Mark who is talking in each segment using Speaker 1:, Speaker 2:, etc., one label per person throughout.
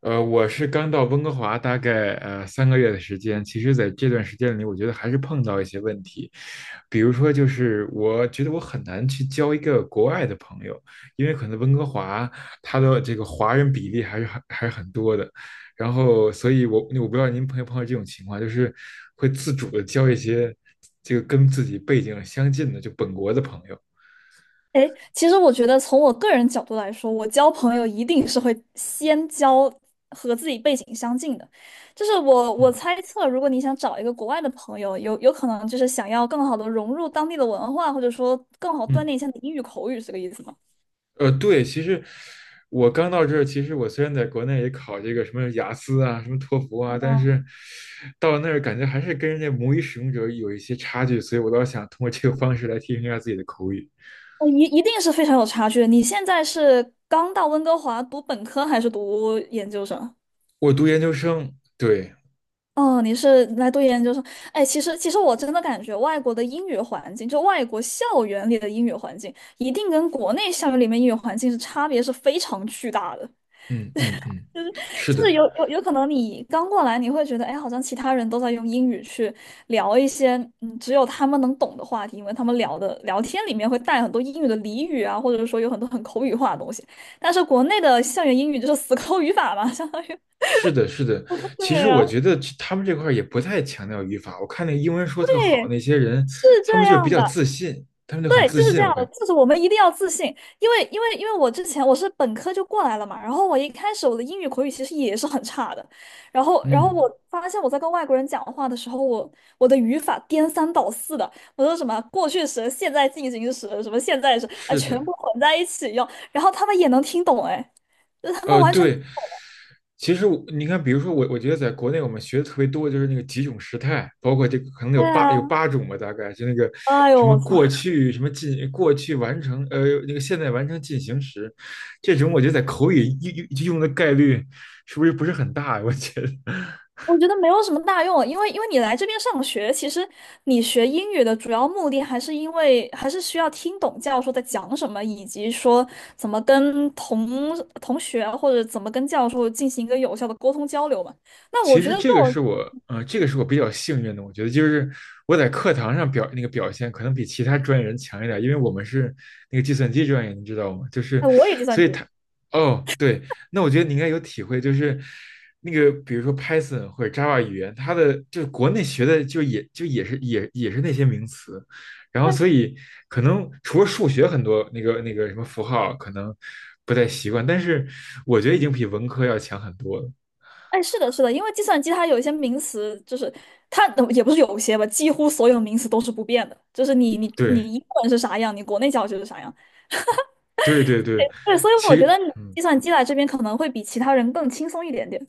Speaker 1: 我是刚到温哥华大概3个月的时间。其实在这段时间里，我觉得还是碰到一些问题，比如说就是我觉得我很难去交一个国外的朋友，因为可能温哥华它的这个华人比例还是很多的，然后所以我不知道您朋友碰到这种情况，就是会自主的交一些这个跟自己背景相近的就本国的朋友。
Speaker 2: 哎，其实我觉得从我个人角度来说，我交朋友一定是会先交和自己背景相近的。就是我
Speaker 1: 嗯
Speaker 2: 我猜测，如果你想找一个国外的朋友，有可能就是想要更好的融入当地的文化，或者说更好锻
Speaker 1: 嗯。
Speaker 2: 炼一下你英语口语，是这个意思吗？
Speaker 1: 对，其实我刚到这儿，其实我虽然在国内也考这个什么雅思啊、什么托福啊，但是到那儿感觉还是跟人家母语使用者有一些差距，所以我倒想通过这个方式来提升一下自己的口语。
Speaker 2: 一定是非常有差距的。你现在是刚到温哥华读本科还是读研究生？
Speaker 1: 我读研究生，对，
Speaker 2: 哦，你是来读研究生？哎，其实我真的感觉外国的英语环境，就外国校园里的英语环境，一定跟国内校园里面英语环境是差别是非常巨大的。
Speaker 1: 嗯嗯嗯，是
Speaker 2: 就
Speaker 1: 的，
Speaker 2: 是有可能你刚过来，你会觉得，哎，好像其他人都在用英语去聊一些只有他们能懂的话题，因为他们聊的聊天里面会带很多英语的俚语啊，或者说有很多很口语化的东西。但是国内的校园英语就是死 抠语法嘛，相当于
Speaker 1: 是的，是的。其实
Speaker 2: 对
Speaker 1: 我
Speaker 2: 啊，
Speaker 1: 觉得这他们这块儿也不太强调语法，我看那个英文说特好
Speaker 2: 对，
Speaker 1: 那些人，
Speaker 2: 是
Speaker 1: 他们
Speaker 2: 这
Speaker 1: 就是比
Speaker 2: 样
Speaker 1: 较
Speaker 2: 的。
Speaker 1: 自信，他们就很
Speaker 2: 对，
Speaker 1: 自
Speaker 2: 就是这
Speaker 1: 信，我
Speaker 2: 样
Speaker 1: 感
Speaker 2: 的，
Speaker 1: 觉，
Speaker 2: 就是我们一定要自信，因为我之前我是本科就过来了嘛，然后我一开始我的英语口语其实也是很差的，然后
Speaker 1: 嗯，
Speaker 2: 我发现我在跟外国人讲话的时候，我的语法颠三倒四的，我说什么过去时、现在进行时、什么现在时啊，
Speaker 1: 是
Speaker 2: 全
Speaker 1: 的。
Speaker 2: 部混在一起用，然后他们也能听懂，哎，就是他们完全，
Speaker 1: 对，其实我你看，比如说我，我觉得在国内我们学的特别多，就是那个几种时态，包括这个可能有
Speaker 2: 对
Speaker 1: 八有
Speaker 2: 啊，
Speaker 1: 8种吧，大概就那个
Speaker 2: 哎呦
Speaker 1: 什么
Speaker 2: 我操！
Speaker 1: 过去什么进过去完成那个现在完成进行时，这种我觉得在口语用的概率是不是不是很大呀？我觉得，
Speaker 2: 我觉得没有什么大用啊，因为你来这边上学，其实你学英语的主要目的还是因为还是需要听懂教授在讲什么，以及说怎么跟同学啊或者怎么跟教授进行一个有效的沟通交流嘛。那我
Speaker 1: 其
Speaker 2: 觉
Speaker 1: 实
Speaker 2: 得这
Speaker 1: 这个是
Speaker 2: 种，
Speaker 1: 我，这个是我比较幸运的。我觉得就是我在课堂上表那个表现，可能比其他专业人强一点，因为我们是那个计算机专业，你知道吗？就是，
Speaker 2: 哎，我也计
Speaker 1: 所
Speaker 2: 算
Speaker 1: 以
Speaker 2: 机，
Speaker 1: 他，哦，对，那我觉得你应该有体会，就是那个比如说 Python 或者 Java 语言，它的就是国内学的就也是那些名词，然后所以可能除了数学很多那个什么符号可能不太习惯，但是我觉得已经比文科要强很多了。
Speaker 2: 哎，是的，是的，因为计算机它有一些名词，就是它也不是有些吧，几乎所有名词都是不变的，就是你你
Speaker 1: 对。
Speaker 2: 你英文是啥样，你国内教学是啥样。
Speaker 1: 对对对，
Speaker 2: 对，所以我觉得
Speaker 1: 其嗯
Speaker 2: 计算机来这边可能会比其他人更轻松一点点。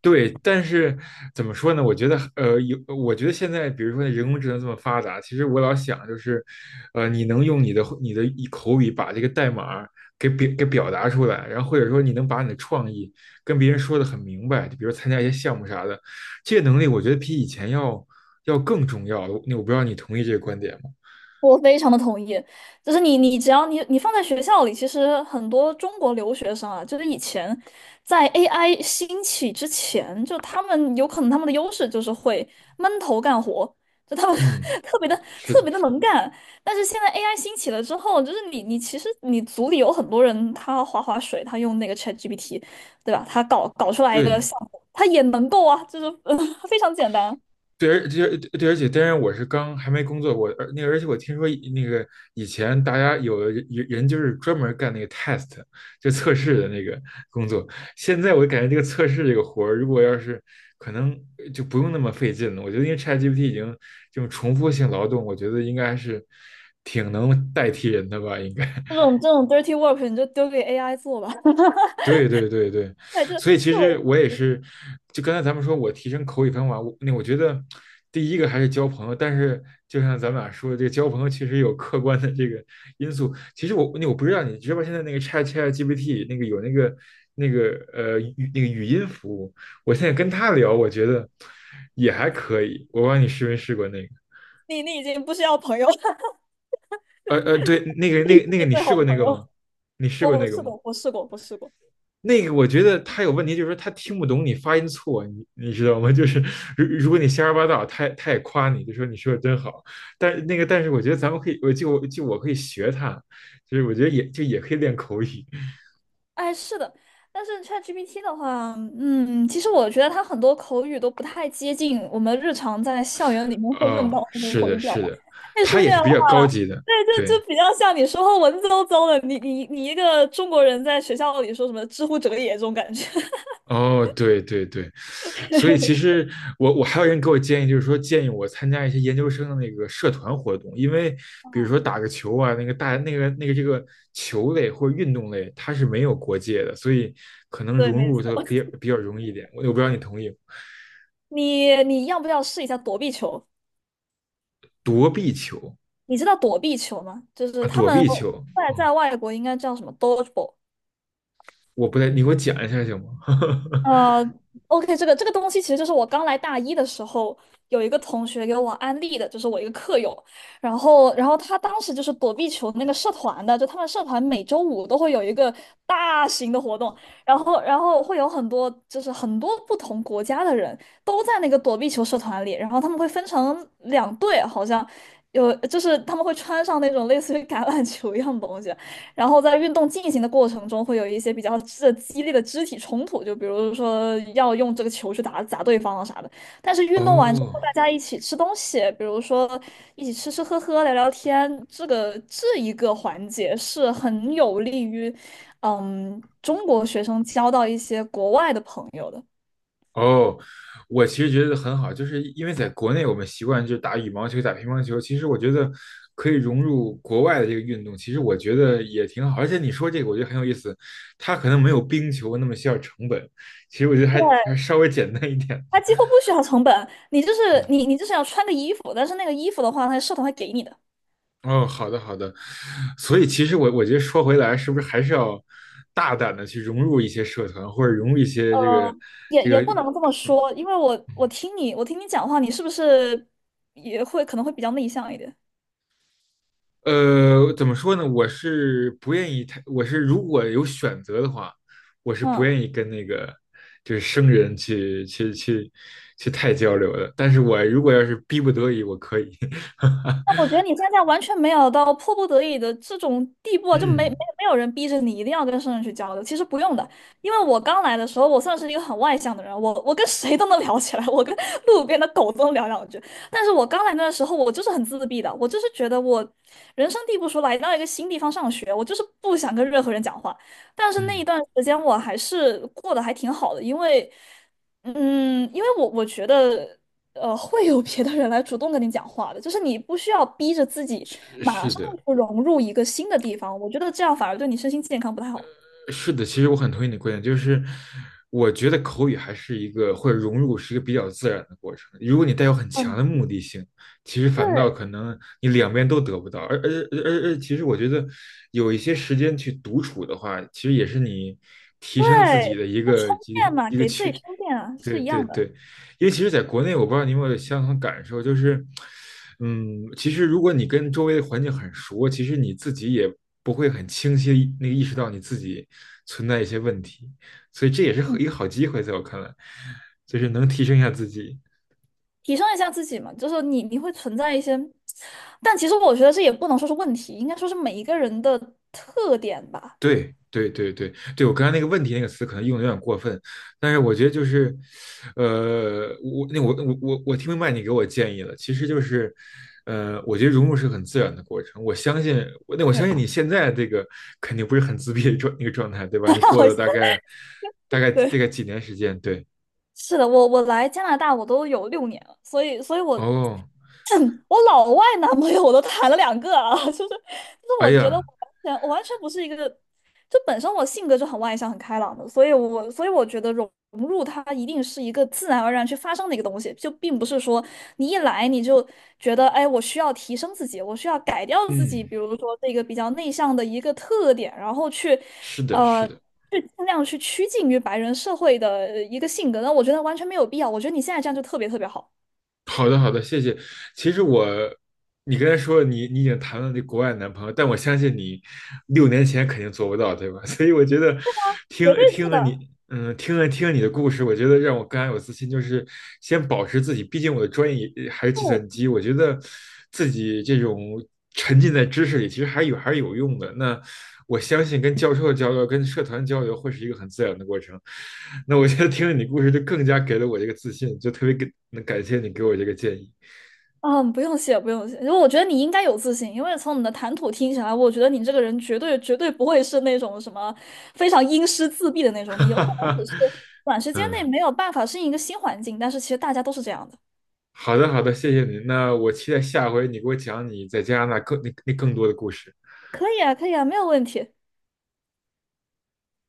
Speaker 1: 对，但是怎么说呢？我觉得我觉得现在比如说人工智能这么发达，其实我老想就是，你能用你的一口语把这个代码给表达出来，然后或者说你能把你的创意跟别人说的很明白，就比如参加一些项目啥的，这个能力我觉得比以前要更重要了。我不知道你同意这个观点吗？
Speaker 2: 我非常的同意，就是你，你只要你放在学校里，其实很多中国留学生啊，就是以前在 AI 兴起之前，就他们有可能他们的优势就是会闷头干活，就他们
Speaker 1: 嗯，
Speaker 2: 特别的
Speaker 1: 是
Speaker 2: 特
Speaker 1: 的，
Speaker 2: 别的能干。但是现在 AI 兴起了之后，就是你其实你组里有很多人，他划水，他用那个 ChatGPT,对吧？他搞出来一个
Speaker 1: 对。
Speaker 2: 项目，他也能够啊，非常简单。
Speaker 1: 对，而且对，而且当然我是刚还没工作过，而而且我听说以那个以前大家有的人就是专门干那个 test 就测试的那个工作，现在我感觉这个测试这个活儿，如果要是可能就不用那么费劲了。我觉得因为 ChatGPT 已经这种重复性劳动，我觉得应该是挺能代替人的吧，应该。
Speaker 2: 这种 dirty work 你就丢给 AI 做吧。
Speaker 1: 对对对对，
Speaker 2: 对，这
Speaker 1: 所以其
Speaker 2: 这
Speaker 1: 实
Speaker 2: 种
Speaker 1: 我也是，就刚才咱们说我提升口语方法，我觉得第一个还是交朋友，但是就像咱们俩说的，这个交朋友确实有客观的这个因素。其实我那我不知道你知不知道现在那个 Chat GPT 那个有那个那个呃语那个语音服务，我现在跟他聊，我觉得也还可以。我不知道你试没试过那个，
Speaker 2: 你你已经不需要朋友了，
Speaker 1: 对，那个
Speaker 2: 你
Speaker 1: 那
Speaker 2: 是
Speaker 1: 个那个
Speaker 2: 你
Speaker 1: 你
Speaker 2: 最
Speaker 1: 试
Speaker 2: 好的
Speaker 1: 过那
Speaker 2: 朋
Speaker 1: 个
Speaker 2: 友。
Speaker 1: 吗？你试
Speaker 2: 我
Speaker 1: 过
Speaker 2: 我
Speaker 1: 那个
Speaker 2: 试
Speaker 1: 吗？
Speaker 2: 过，我试过，我试过。
Speaker 1: 那个我觉得他有问题，就是说他听不懂你发音错，你知道吗？就是如果你瞎说八道，他也夸你，就说你说的真好。但那个，但是我觉得咱们可以，我就就我可以学他，就是我觉得也可以练口语。
Speaker 2: 哎，是的，但是 ChatGPT 的话，其实我觉得它很多口语都不太接近我们日常在校园里面会用
Speaker 1: 哦，
Speaker 2: 到的那种
Speaker 1: 是
Speaker 2: 口
Speaker 1: 的，
Speaker 2: 语表达，
Speaker 1: 是的，
Speaker 2: 太
Speaker 1: 他
Speaker 2: 书
Speaker 1: 也
Speaker 2: 面
Speaker 1: 是
Speaker 2: 化
Speaker 1: 比较高
Speaker 2: 了。
Speaker 1: 级的，
Speaker 2: 对，就
Speaker 1: 对。
Speaker 2: 就比较像你说话文绉绉的，你一个中国人在学校里说什么“知乎者也”这种感觉。
Speaker 1: 哦，对对对，所以其 实我还有人给我建议，就是说建议我参加一些研究生的那个社团活动，因为比如说
Speaker 2: 啊
Speaker 1: 打个球啊，那个大那个那个这个球类或者运动类，它是没有国界的，所以可能
Speaker 2: 对，
Speaker 1: 融
Speaker 2: 没
Speaker 1: 入它
Speaker 2: 错。
Speaker 1: 比较容易一点。我不知道你同意
Speaker 2: 你你要不要试一下躲避球？
Speaker 1: 躲避球
Speaker 2: 你知道躲避球吗？就是
Speaker 1: 啊，
Speaker 2: 他
Speaker 1: 躲
Speaker 2: 们
Speaker 1: 避球，
Speaker 2: 在外国应该叫什么 dodgeball。
Speaker 1: 我不太，你给我讲一下行吗？
Speaker 2: 呃，OK,这个东西其实就是我刚来大一的时候，有一个同学给我安利的，就是我一个课友，然后他当时就是躲避球那个社团的，就他们社团每周五都会有一个大型的活动，然后会有很多就是很多不同国家的人都在那个躲避球社团里，然后他们会分成两队，好像有就是他们会穿上那种类似于橄榄球一样的东西。然后在运动进行的过程中，会有一些比较这激烈的肢体冲突，就比如说要用这个球去打砸对方啊啥的。但是运动完之
Speaker 1: 哦，
Speaker 2: 后，大家一起吃东西，比如说一起吃吃喝喝、聊聊天，这一个环节是很有利于，嗯，中国学生交到一些国外的朋友的。
Speaker 1: 哦，我其实觉得很好，就是因为在国内我们习惯就打羽毛球、打乒乓球，其实我觉得可以融入国外的这个运动，其实我觉得也挺好。而且你说这个，我觉得很有意思，它可能没有冰球那么需要成本，其实我觉得还
Speaker 2: 对，
Speaker 1: 还稍微简单一点
Speaker 2: 他
Speaker 1: 的。
Speaker 2: 几乎不需要成本，你就是
Speaker 1: 嗯，
Speaker 2: 你你就是要穿个衣服，但是那个衣服的话，他社团会给你的。
Speaker 1: 哦，好的好的，所以其实我觉得说回来，是不是还是要大胆的去融入一些社团，或者融入一些这个
Speaker 2: 呃，也
Speaker 1: 这个。
Speaker 2: 也不能这么
Speaker 1: 嗯。
Speaker 2: 说，因为我听你讲话，你是不是可能会比较内向一点？
Speaker 1: 怎么说呢？我是不愿意太，我是如果有选择的话，我是不愿
Speaker 2: 嗯，
Speaker 1: 意跟那个就是生人去太交流的。但是我如果要是逼不得已，我可以。
Speaker 2: 但我 觉得你现在完全没有到迫不得已的这种地步啊，就没没
Speaker 1: 嗯
Speaker 2: 没有人逼着你一定要跟生人去交流。其实不用的，因为我刚来的时候，我算是一个很外向的人，我跟谁都能聊起来，我跟路边的狗都能聊两句。但是我刚来那时候，我就是很自闭的，我就是觉得我人生地不熟，来到一个新地方上学，我就是不想跟任何人讲话。但是那
Speaker 1: 嗯，
Speaker 2: 一段时间我还是过得还挺好的，因为，嗯，因为我我觉得。会有别的人来主动跟你讲话的，就是你不需要逼着自己马
Speaker 1: 是
Speaker 2: 上
Speaker 1: 的。
Speaker 2: 就融入一个新的地方，我觉得这样反而对你身心健康不太好。
Speaker 1: 是的，其实我很同意你的观点，就是我觉得口语还是一个或者融入是一个比较自然的过程。如果你带有很强
Speaker 2: 嗯，
Speaker 1: 的目的性，其实反倒
Speaker 2: 对，
Speaker 1: 可能你两边都得不到。而而而而，其实我觉得有一些时间去独处的话，其实也是你提升自己
Speaker 2: 对，
Speaker 1: 的
Speaker 2: 就充电嘛，
Speaker 1: 一个
Speaker 2: 给自己
Speaker 1: 渠
Speaker 2: 充电啊，
Speaker 1: 对
Speaker 2: 是一
Speaker 1: 对
Speaker 2: 样
Speaker 1: 对。
Speaker 2: 的。
Speaker 1: 因为其实在国内，我不知道你有没有相同感受，就是，嗯，其实如果你跟周围的环境很熟，其实你自己也不会很清晰地那个意识到你自己存在一些问题，所以这也是
Speaker 2: 嗯，
Speaker 1: 一个好机会，在我看来，就是能提升一下自己。
Speaker 2: 提升一下自己嘛，就是你会存在一些，但其实我觉得这也不能说是问题，应该说是每一个人的特点吧。
Speaker 1: 对对对对对，我刚才那个问题那个词可能用的有点过分，但是我觉得就是，我那我我我我听明白你给我建议了，其实就是，我觉得融入是很自然的过程，我相信
Speaker 2: 对，
Speaker 1: 你现在这个肯定不是很自闭的状那个状态，对吧？你过
Speaker 2: 好
Speaker 1: 了
Speaker 2: 像对，
Speaker 1: 大概几年时间，对，
Speaker 2: 是的，我我来加拿大我都有六年了，所以我
Speaker 1: 哦，
Speaker 2: 我老外男朋友我都谈了两个啊，
Speaker 1: 哎
Speaker 2: 我觉得我
Speaker 1: 呀，
Speaker 2: 完全我完全不是一个，就本身我性格就很外向很开朗的，所以我觉得融入它一定是一个自然而然去发生的一个东西，就并不是说你一来你就觉得哎我需要提升自己，我需要改掉自己，
Speaker 1: 嗯，
Speaker 2: 比如说这个比较内向的一个特点，然后去
Speaker 1: 是的，是
Speaker 2: 呃。
Speaker 1: 的。
Speaker 2: 去尽量去趋近于白人社会的一个性格，那我觉得完全没有必要。我觉得你现在这样就特别特别好，
Speaker 1: 好的，好的，谢谢。其实我，你刚才说你已经谈了那国外男朋友，但我相信你6年前肯定做不到，对吧？所以我觉得听
Speaker 2: 绝对是
Speaker 1: 听了
Speaker 2: 的。
Speaker 1: 你，嗯，听了你的故事，我觉得让我更加有自信，就是先保持自己，毕竟我的专业也还是计
Speaker 2: 对，
Speaker 1: 算机，我觉得自己这种沉浸在知识里，其实还是有用的。那我相信跟教授的交流、跟社团交流会是一个很自然的过程。那我觉得听了你故事，就更加给了我这个自信，就特别给能感谢你给我这个建议。
Speaker 2: 嗯，不用谢，不用谢。因为我觉得你应该有自信，因为从你的谈吐听起来，我觉得你这个人绝对绝对不会是那种什么非常阴湿自闭的那种，
Speaker 1: 哈
Speaker 2: 你有
Speaker 1: 哈
Speaker 2: 可能只
Speaker 1: 哈，
Speaker 2: 是短时间内
Speaker 1: 嗯，
Speaker 2: 没有办法适应一个新环境，但是其实大家都是这样的。
Speaker 1: 好的好的，谢谢您。那我期待下回你给我讲你在加拿大更那那更多的故事。
Speaker 2: 可以啊，可以啊，没有问题。